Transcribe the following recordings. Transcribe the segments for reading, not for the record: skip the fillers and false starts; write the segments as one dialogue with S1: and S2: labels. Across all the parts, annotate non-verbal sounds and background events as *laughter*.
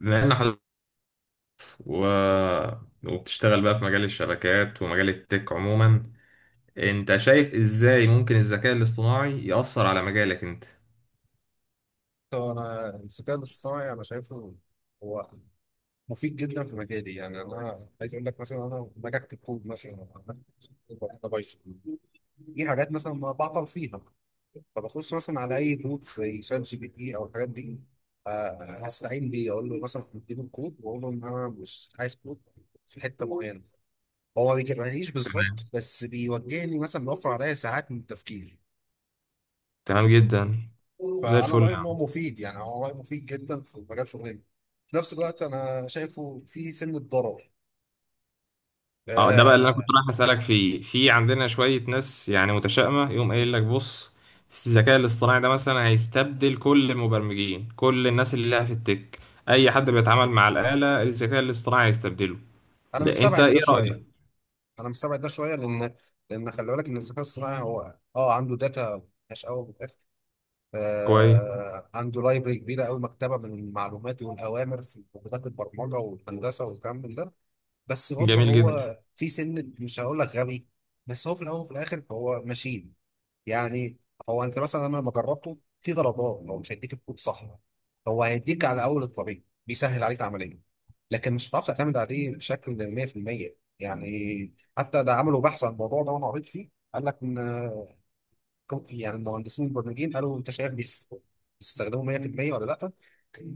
S1: بما ان حضرتك و... وبتشتغل بقى في مجال الشبكات ومجال التك عموما، انت شايف ازاي ممكن الذكاء الاصطناعي يأثر على مجالك انت؟
S2: هو انا الذكاء الاصطناعي انا شايفه هو مفيد جدا في مجالي. يعني انا عايز اقول لك مثلا، انا لما باجي اكتب كود مثلا انا بايثون، في حاجات مثلا ما بعطل فيها، فبخش مثلا على اي بوت زي شات جي بي تي او الحاجات دي، آه، هستعين بيه اقول له مثلا اديله الكود واقول له ان انا مش عايز كود في حته معينه. هو ما بيجيبهاليش بالظبط
S1: تمام،
S2: بس بيوجهني، مثلا بيوفر عليا ساعات من التفكير.
S1: تمام جدا، زي
S2: فانا
S1: الفل
S2: رايي
S1: يا
S2: ان
S1: عم.
S2: هو مفيد، يعني هو رايي مفيد جدا في مجال شغلنا. في نفس الوقت انا شايفه في سنه ضرر
S1: اه، ده بقى اللي انا
S2: آه
S1: كنت رايح اسالك فيه. في عندنا شويه ناس يعني متشائمه يقوم قايل لك: بص، الذكاء الاصطناعي ده مثلا هيستبدل كل المبرمجين، كل الناس اللي لها في التك، اي حد بيتعامل مع الاله الذكاء الاصطناعي هيستبدله.
S2: انا
S1: ده انت
S2: مستبعد ده
S1: ايه
S2: شويه.
S1: رايك؟
S2: انا مستبعد ده شويه لان خلي بالك ان الذكاء الصناعي هو عنده داتا مش قوي من الاخر.
S1: كويس.
S2: عنده لايبرري كبيره قوي، مكتبه من المعلومات والاوامر في لغات البرمجه والهندسه والكلام من ده. بس برضه
S1: جميل جدا،
S2: هو في سن مش هقول لك غبي، بس هو في الاول وفي الاخر هو ماشين يعني. هو انت مثلا لما جربته في درجات هو مش هيديك الكود صح، هو هيديك على اول الطريق، بيسهل عليك العمليه، لكن مش هتعرف تعتمد عليه بشكل 100%. يعني حتى ده عملوا بحث عن الموضوع ده وانا قريت فيه، قال لك ان يعني المهندسين البرمجيين قالوا انت شايف بيستخدموا 100% ولا لا،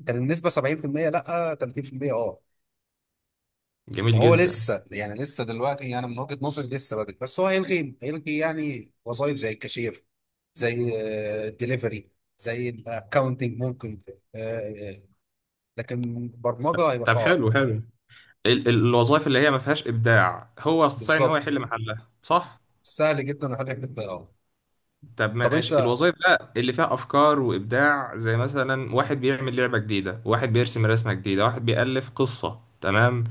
S2: كان النسبه 70% لا 30%
S1: جميل
S2: فهو
S1: جدا.
S2: لسه يعني، لسه دلوقتي يعني من وجهه نظري لسه بدري، بس هو هيلغي يعني وظائف زي الكاشير، زي الدليفري، زي الاكونتنج ممكن، آه، آه، لكن برمجه هيبقى
S1: طب
S2: صعب.
S1: حلو، حلو. الوظائف اللي هي ما فيهاش ابداع هو يستطيع ان هو
S2: بالظبط،
S1: يحل محلها، صح؟
S2: سهل جدا وحاجه بتضيعها.
S1: طب
S2: طب
S1: ماشي،
S2: انت
S1: الوظائف بقى اللي فيها افكار وابداع، زي مثلا واحد بيعمل لعبه جديده، واحد بيرسم رسمه جديده، واحد بيالف قصه، تمام.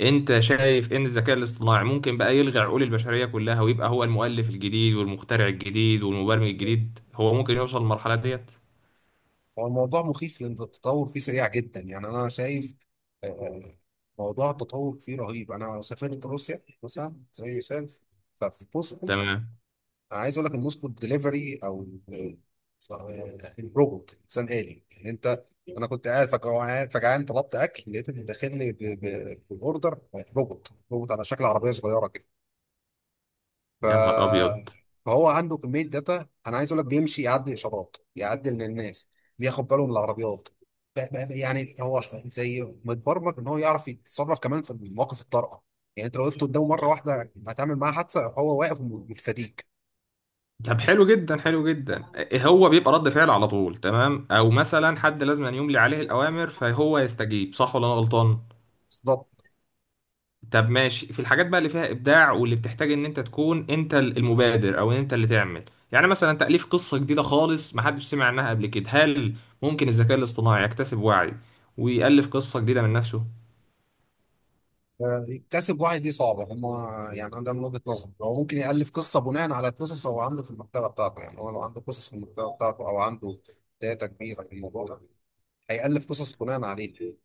S1: انت شايف ان الذكاء الاصطناعي ممكن بقى يلغي عقول البشريه كلها ويبقى هو المؤلف الجديد والمخترع الجديد والمبرمج الجديد، هو ممكن يوصل للمرحله ديت؟
S2: هو الموضوع مخيف لان التطور فيه سريع جدا. يعني انا شايف آه، آه، موضوع التطور فيه رهيب. انا سافرت روسيا مثلا زي مثال، ففي بوسطه،
S1: تمام.
S2: انا عايز اقول لك المسكو دليفري او ال- الروبوت، انسان آلي يعني. انا كنت قاعد فجعان فجعان، طلبت اكل لقيت اللي داخل لي بالاوردر، روبوت روبوت على شكل عربيه صغيره كده. ف
S1: يا نهار ابيض.
S2: فهو عنده كميه داتا، انا عايز اقول لك بيمشي يعدي اشارات، يعدي من الناس، بياخد باله من العربيات، ب- يعني هو زي متبرمج ان هو يعرف يتصرف كمان في مواقف الطارئه. يعني انت لو وقفت قدامه مره واحده هتعمل معاه حادثه، هو واقف ومتفاديك.
S1: طب حلو جدا، حلو جدا. هو بيبقى رد فعل على طول، تمام، او مثلا حد لازم أن يملي عليه الاوامر فهو يستجيب، صح ولا انا غلطان؟
S2: بالظبط.
S1: طب ماشي، في الحاجات بقى اللي فيها ابداع واللي بتحتاج ان انت تكون انت المبادر او ان انت اللي تعمل، يعني مثلا تاليف قصه جديده خالص محدش سمع عنها قبل كده. هل ممكن الذكاء الاصطناعي يكتسب وعي ويالف قصه جديده من نفسه؟
S2: يكتسب واحد دي صعبة هما. يعني أنا، ده من وجهة نظري، هو ممكن يألف قصة بناء على قصص هو عامله في المكتبة بتاعته. يعني هو لو عنده قصص في المكتبة بتاعته أو عنده داتا كبيرة في الموضوع ده هيألف قصص بناء عليه.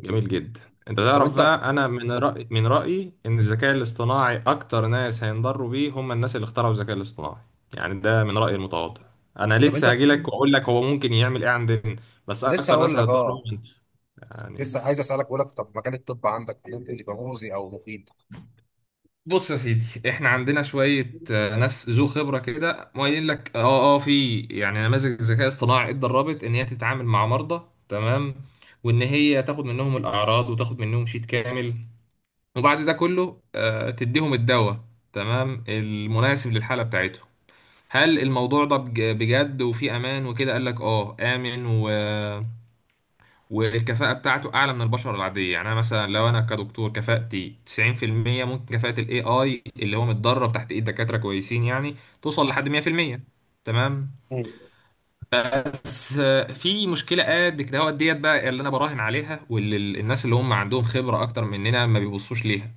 S1: جميل جدا. انت
S2: طب
S1: تعرف
S2: أنت
S1: بقى، انا من رأيي ان الذكاء الاصطناعي اكتر ناس هينضروا بيه هم الناس اللي اخترعوا الذكاء الاصطناعي. يعني ده من رأيي المتواضع. انا
S2: طب أنت
S1: لسه هجيلك واقول لك هو ممكن يعمل ايه عندنا، بس
S2: لسه
S1: اكتر
S2: هقول
S1: ناس
S2: لك
S1: هيتضروا
S2: أه.
S1: هم يعني.
S2: لسه عايز اسالك، بقول لك طب مجال الطب عندك ممكن يبقى مؤذي او مفيد؟
S1: بص يا سيدي، احنا عندنا شوية ناس ذو خبرة كده قايلين لك: اه، اه، في يعني نماذج ذكاء اصطناعي اتدربت ان هي تتعامل مع مرضى، تمام، وان هي تاخد منهم الاعراض وتاخد منهم شيت كامل، وبعد ده كله تديهم الدواء تمام المناسب للحالة بتاعتهم. هل الموضوع ده بجد وفي امان وكده؟ قال لك اه، امن والكفاءة بتاعته اعلى من البشر العادية. يعني انا مثلا لو انا كدكتور كفاءتي 90%، ممكن كفاءة الاي اي اللي هو متدرب تحت ايد دكاترة كويسين يعني توصل لحد 100%، تمام.
S2: مم.
S1: بس في مشكله قد كده، هو ديت بقى اللي انا براهن عليها واللي الناس اللي هم عندهم خبره اكتر مننا ما بيبصوش ليها.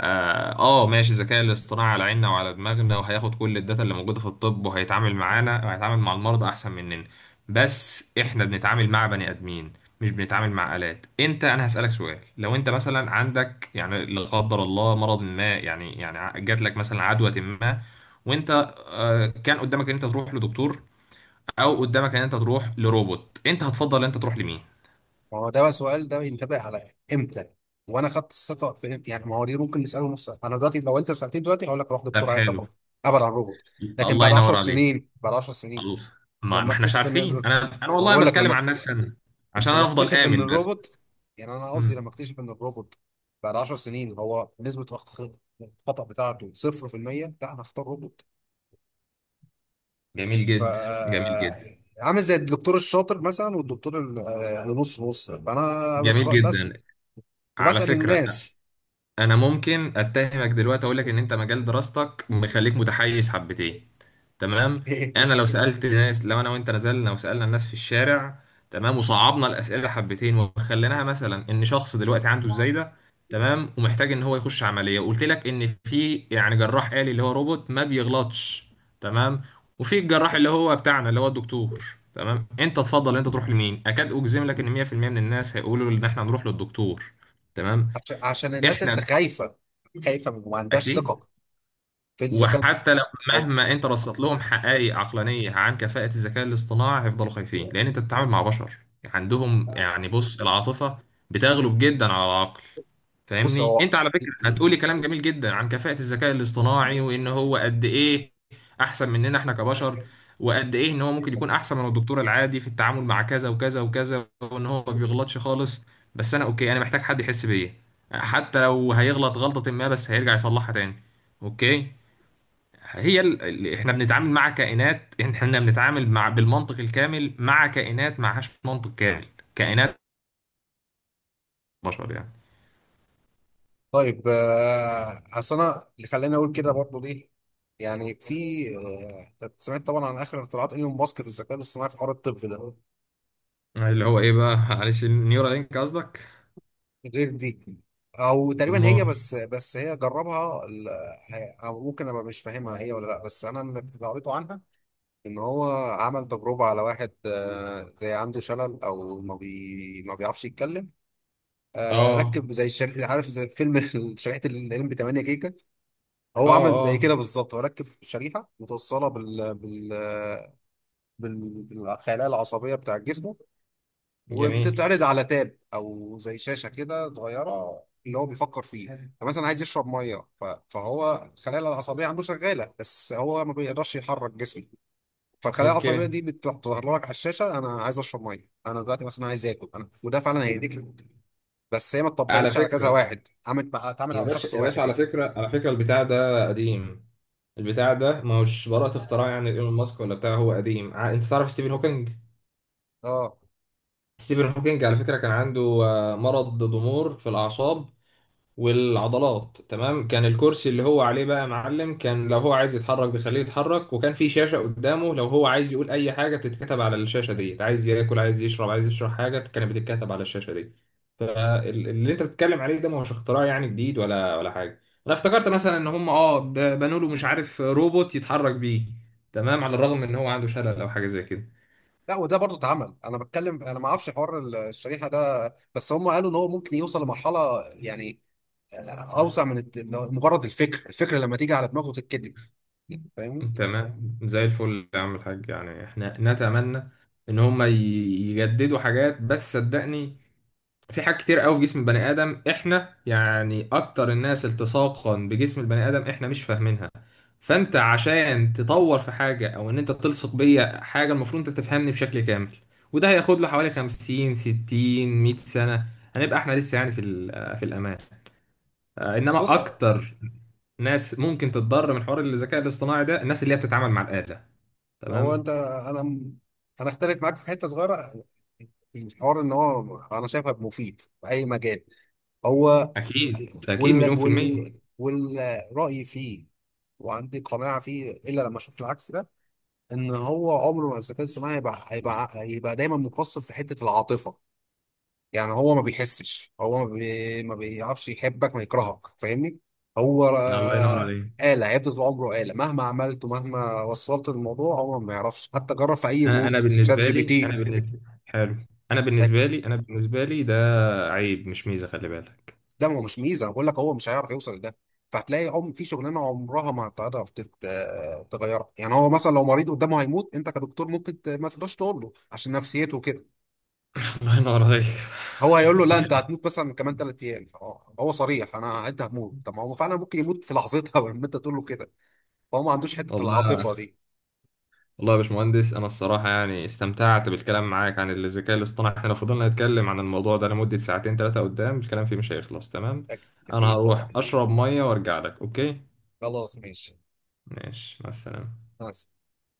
S1: اه، ماشي، الذكاء الاصطناعي على عيننا وعلى دماغنا وهياخد كل الداتا اللي موجوده في الطب وهيتعامل معانا وهيتعامل مع المرضى احسن مننا، بس احنا بنتعامل مع بني ادمين، مش بنتعامل مع آلات. انت، انا هسألك سؤال: لو انت مثلا عندك يعني لا قدر الله مرض ما، يعني يعني جات لك مثلا عدوى ما، وانت كان قدامك ان انت تروح لدكتور او قدامك ان انت تروح لروبوت، انت هتفضل ان انت تروح لمين؟
S2: ما هو ده بقى سؤال، ده ينتبه على امتى وانا خدت الثقه في امتى؟ يعني ما هو دي ممكن نساله نفس. انا دلوقتي، لو انت سالتني دلوقتي، هقول لك روح
S1: طب
S2: دكتور عيادة طبعا،
S1: حلو.
S2: ابعد عن الروبوت. لكن
S1: الله
S2: بعد 10
S1: ينور عليك.
S2: سنين، بعد 10 سنين،
S1: الله. ما
S2: لما
S1: احناش
S2: اكتشف ان
S1: عارفين. انا،
S2: ما
S1: والله انا
S2: بقول لك
S1: بتكلم
S2: لما
S1: عن نفسي انا، عشان
S2: لما
S1: انا افضل
S2: اكتشف ان
S1: امن بس.
S2: الروبوت، يعني انا قصدي لما
S1: مم.
S2: اكتشف ان الروبوت بعد 10 سنين هو نسبه الخطا بتاعته 0%، لا انا اختار روبوت.
S1: جميل
S2: ف
S1: جدا، جميل جدا،
S2: عامل زي الدكتور الشاطر مثلا والدكتور اللي نص نص. فانا بس
S1: جميل
S2: بس-
S1: جدا. على
S2: بسال
S1: فكرة،
S2: الناس.
S1: انا ممكن اتهمك دلوقتي اقول لك ان انت مجال دراستك مخليك متحيز حبتين، تمام. انا لو
S2: *laughs*
S1: سالت الناس، لو انا وانت نزلنا وسالنا الناس في الشارع، تمام، وصعبنا الاسئله حبتين وخليناها مثلا ان شخص دلوقتي عنده الزايده، تمام، ومحتاج ان هو يخش عمليه، وقلت لك ان في يعني جراح آلي اللي هو روبوت ما بيغلطش، تمام، وفي الجراح اللي هو بتاعنا اللي هو الدكتور، تمام، انت تفضل انت تروح لمين؟ اكاد اجزم لك ان 100% من الناس هيقولوا ان احنا هنروح للدكتور، تمام.
S2: عشان الناس لسه
S1: احنا.
S2: خايفه، خايفه وما عندهاش
S1: اكيد.
S2: ثقه في الذكاء
S1: وحتى لو
S2: او
S1: مهما انت رصدت لهم حقائق عقلانيه عن كفاءه الذكاء الاصطناعي، هيفضلوا خايفين، لان انت بتتعامل مع بشر عندهم يعني، بص، العاطفه بتغلب جدا على العقل.
S2: بص
S1: فاهمني،
S2: هو
S1: انت على فكره هتقولي كلام جميل جدا عن كفاءه الذكاء الاصطناعي وان هو قد ايه احسن مننا احنا كبشر، وقد ايه ان هو ممكن يكون احسن من الدكتور العادي في التعامل مع كذا وكذا وكذا، وان هو ما بيغلطش خالص. بس انا، اوكي، انا محتاج حد يحس بيا، حتى لو هيغلط غلطه ما بس هيرجع يصلحها تاني. اوكي. احنا بنتعامل مع كائنات، احنا بنتعامل مع بالمنطق الكامل مع كائنات معهاش منطق كامل. كائنات، بشر يعني.
S2: طيب. اصل انا اللي خلاني اقول كده برضه ليه؟ يعني في آه، طب سمعت طبعا عن اخر اختراعات ايلون ماسك في الذكاء الاصطناعي في حوار الطب ده؟
S1: اللي هو ايه بقى، معلش، نيورالينك قصدك؟
S2: غير دي، او تقريبا هي.
S1: امال.
S2: بس هي جربها أو ممكن ابقى مش فاهمها هي ولا لا. بس انا اللي قريته عنها ان هو عمل تجربه على واحد، زي عنده شلل او ما بيعرفش يتكلم.
S1: اه،
S2: ركب زي شريحه، عارف زي فيلم *laughs* شريحه الام بي 8 جيجا.
S1: اه،
S2: هو عمل زي كده
S1: اه.
S2: بالظبط، هو ركب شريحه متوصله بالخلايا العصبيه بتاع الجسم،
S1: جميل.
S2: وبتتعرض على تاب او زي شاشه كده صغيره، اللي هو بيفكر فيه، فمثلا عايز يشرب ميه، فهو الخلايا العصبيه عنده شغاله بس هو ما بيقدرش يحرك جسمه. فالخلايا
S1: اوكي.
S2: العصبيه دي بتروح تظهر لك على الشاشه: انا عايز اشرب ميه، انا دلوقتي مثلا عايز اكل انا، وده فعلا هيديك. بس هي ما
S1: على
S2: اتطبقتش على كذا
S1: فكرة
S2: واحد، عملت بقى اتعملت
S1: يا
S2: على
S1: باشا،
S2: شخص
S1: يا باشا،
S2: واحد
S1: على
S2: يعني.
S1: فكرة، على فكرة، البتاع ده قديم. البتاع ده ما هوش براءة اختراع يعني ايلون ماسك ولا بتاع. هو قديم. انت تعرف ستيفن هوكينج؟
S2: اه.
S1: ستيفن هوكينج على فكرة كان عنده مرض ضمور في الأعصاب والعضلات، تمام. كان الكرسي اللي هو عليه بقى يا معلم، كان لو هو عايز يتحرك بيخليه يتحرك، وكان في شاشة قدامه لو هو عايز يقول أي حاجة بتتكتب على الشاشة دي. عايز ياكل، عايز يشرب، عايز يشرب حاجة، كانت بتتكتب على الشاشة دي. فاللي انت بتتكلم عليه ده ما هوش اختراع يعني جديد ولا حاجة. انا افتكرت مثلا ان هم بنوا له مش عارف روبوت يتحرك بيه، تمام، على الرغم ان هو عنده شلل او حاجة زي كده.
S2: لا، وده برضه اتعمل، انا بتكلم انا ما اعرفش حوار الشريحه ده. بس هم قالوا ان هو ممكن يوصل لمرحله يعني اوسع من مجرد الفكر، الفكره لما تيجي على دماغه تتكتب. فاهمني.
S1: تمام، زي الفل يا عم الحاج، يعني احنا نتمنى ان هم يجددوا حاجات، بس صدقني في حاجات كتير قوي في جسم البني ادم احنا، يعني اكتر الناس التصاقا بجسم البني ادم احنا مش فاهمينها. فانت عشان تطور في حاجه او ان انت تلصق بيا حاجه، المفروض انت تفهمني بشكل كامل، وده هياخد له حوالي 50 60 100 سنه. هنبقى احنا لسه يعني في في الامان،
S2: بص
S1: انما اكتر ناس ممكن تتضرر من حوار الذكاء الاصطناعي ده الناس اللي هي بتتعامل مع الاله،
S2: هو انت
S1: تمام.
S2: انا انا اختلف معاك في حته صغيره، الحوار ان هو انا شايفها مفيد في اي مجال. هو
S1: اكيد، اكيد،
S2: وال
S1: مليون في الميه.
S2: وال والراي فيه، وعندي قناعه فيه الا لما اشوف العكس ده. ان هو عمره ما الذكاء الصناعي هيبقى دايما مقصر في حته العاطفه. يعني هو ما بيحسش، هو ما, بي... ما بيعرفش يحبك ما يكرهك. فاهمني. هو
S1: الله ينور عليك.
S2: آلة هيفضل طول عمره آلة مهما عملت ومهما وصلت. الموضوع هو ما يعرفش. حتى جرب في أي
S1: انا
S2: بوت شات
S1: بالنسبه
S2: جي بي
S1: لي، انا
S2: تي.
S1: بالنسبه، حلو، انا
S2: هت-
S1: بالنسبه لي انا بالنسبه لي ده عيب مش ميزه، خلي بالك.
S2: ده ما هو مش ميزة. أنا بقول لك هو مش هيعرف يوصل لده. فهتلاقي عم في شغلانة عمرها ما هتعرف تغيرها. يعني هو مثلا لو مريض قدامه هيموت، أنت كدكتور ممكن ما تقدرش تقول له عشان نفسيته كده.
S1: *laughs* الله ينور عليك.
S2: هو هيقول له لا،
S1: *laughs*
S2: انت هتموت مثلا كمان ثلاث ايام. فهو صريح: انا انت هموت، طب ما هو فعلا ممكن يموت في لحظتها *laughs* لما انت تقول له كده. فهو ما عندوش حته
S1: والله،
S2: العاطفه دي.
S1: والله يا باشمهندس، انا الصراحه يعني استمتعت بالكلام معاك عن الذكاء الاصطناعي. احنا لو فضلنا نتكلم عن الموضوع ده لمده ساعتين ثلاثه قدام الكلام فيه مش هيخلص، تمام.
S2: أك-
S1: انا
S2: اكيد
S1: هروح
S2: طبعا.
S1: اشرب ميه وارجع لك، اوكي؟
S2: خلاص ماشي.
S1: ماشي، مع السلامه.
S2: مع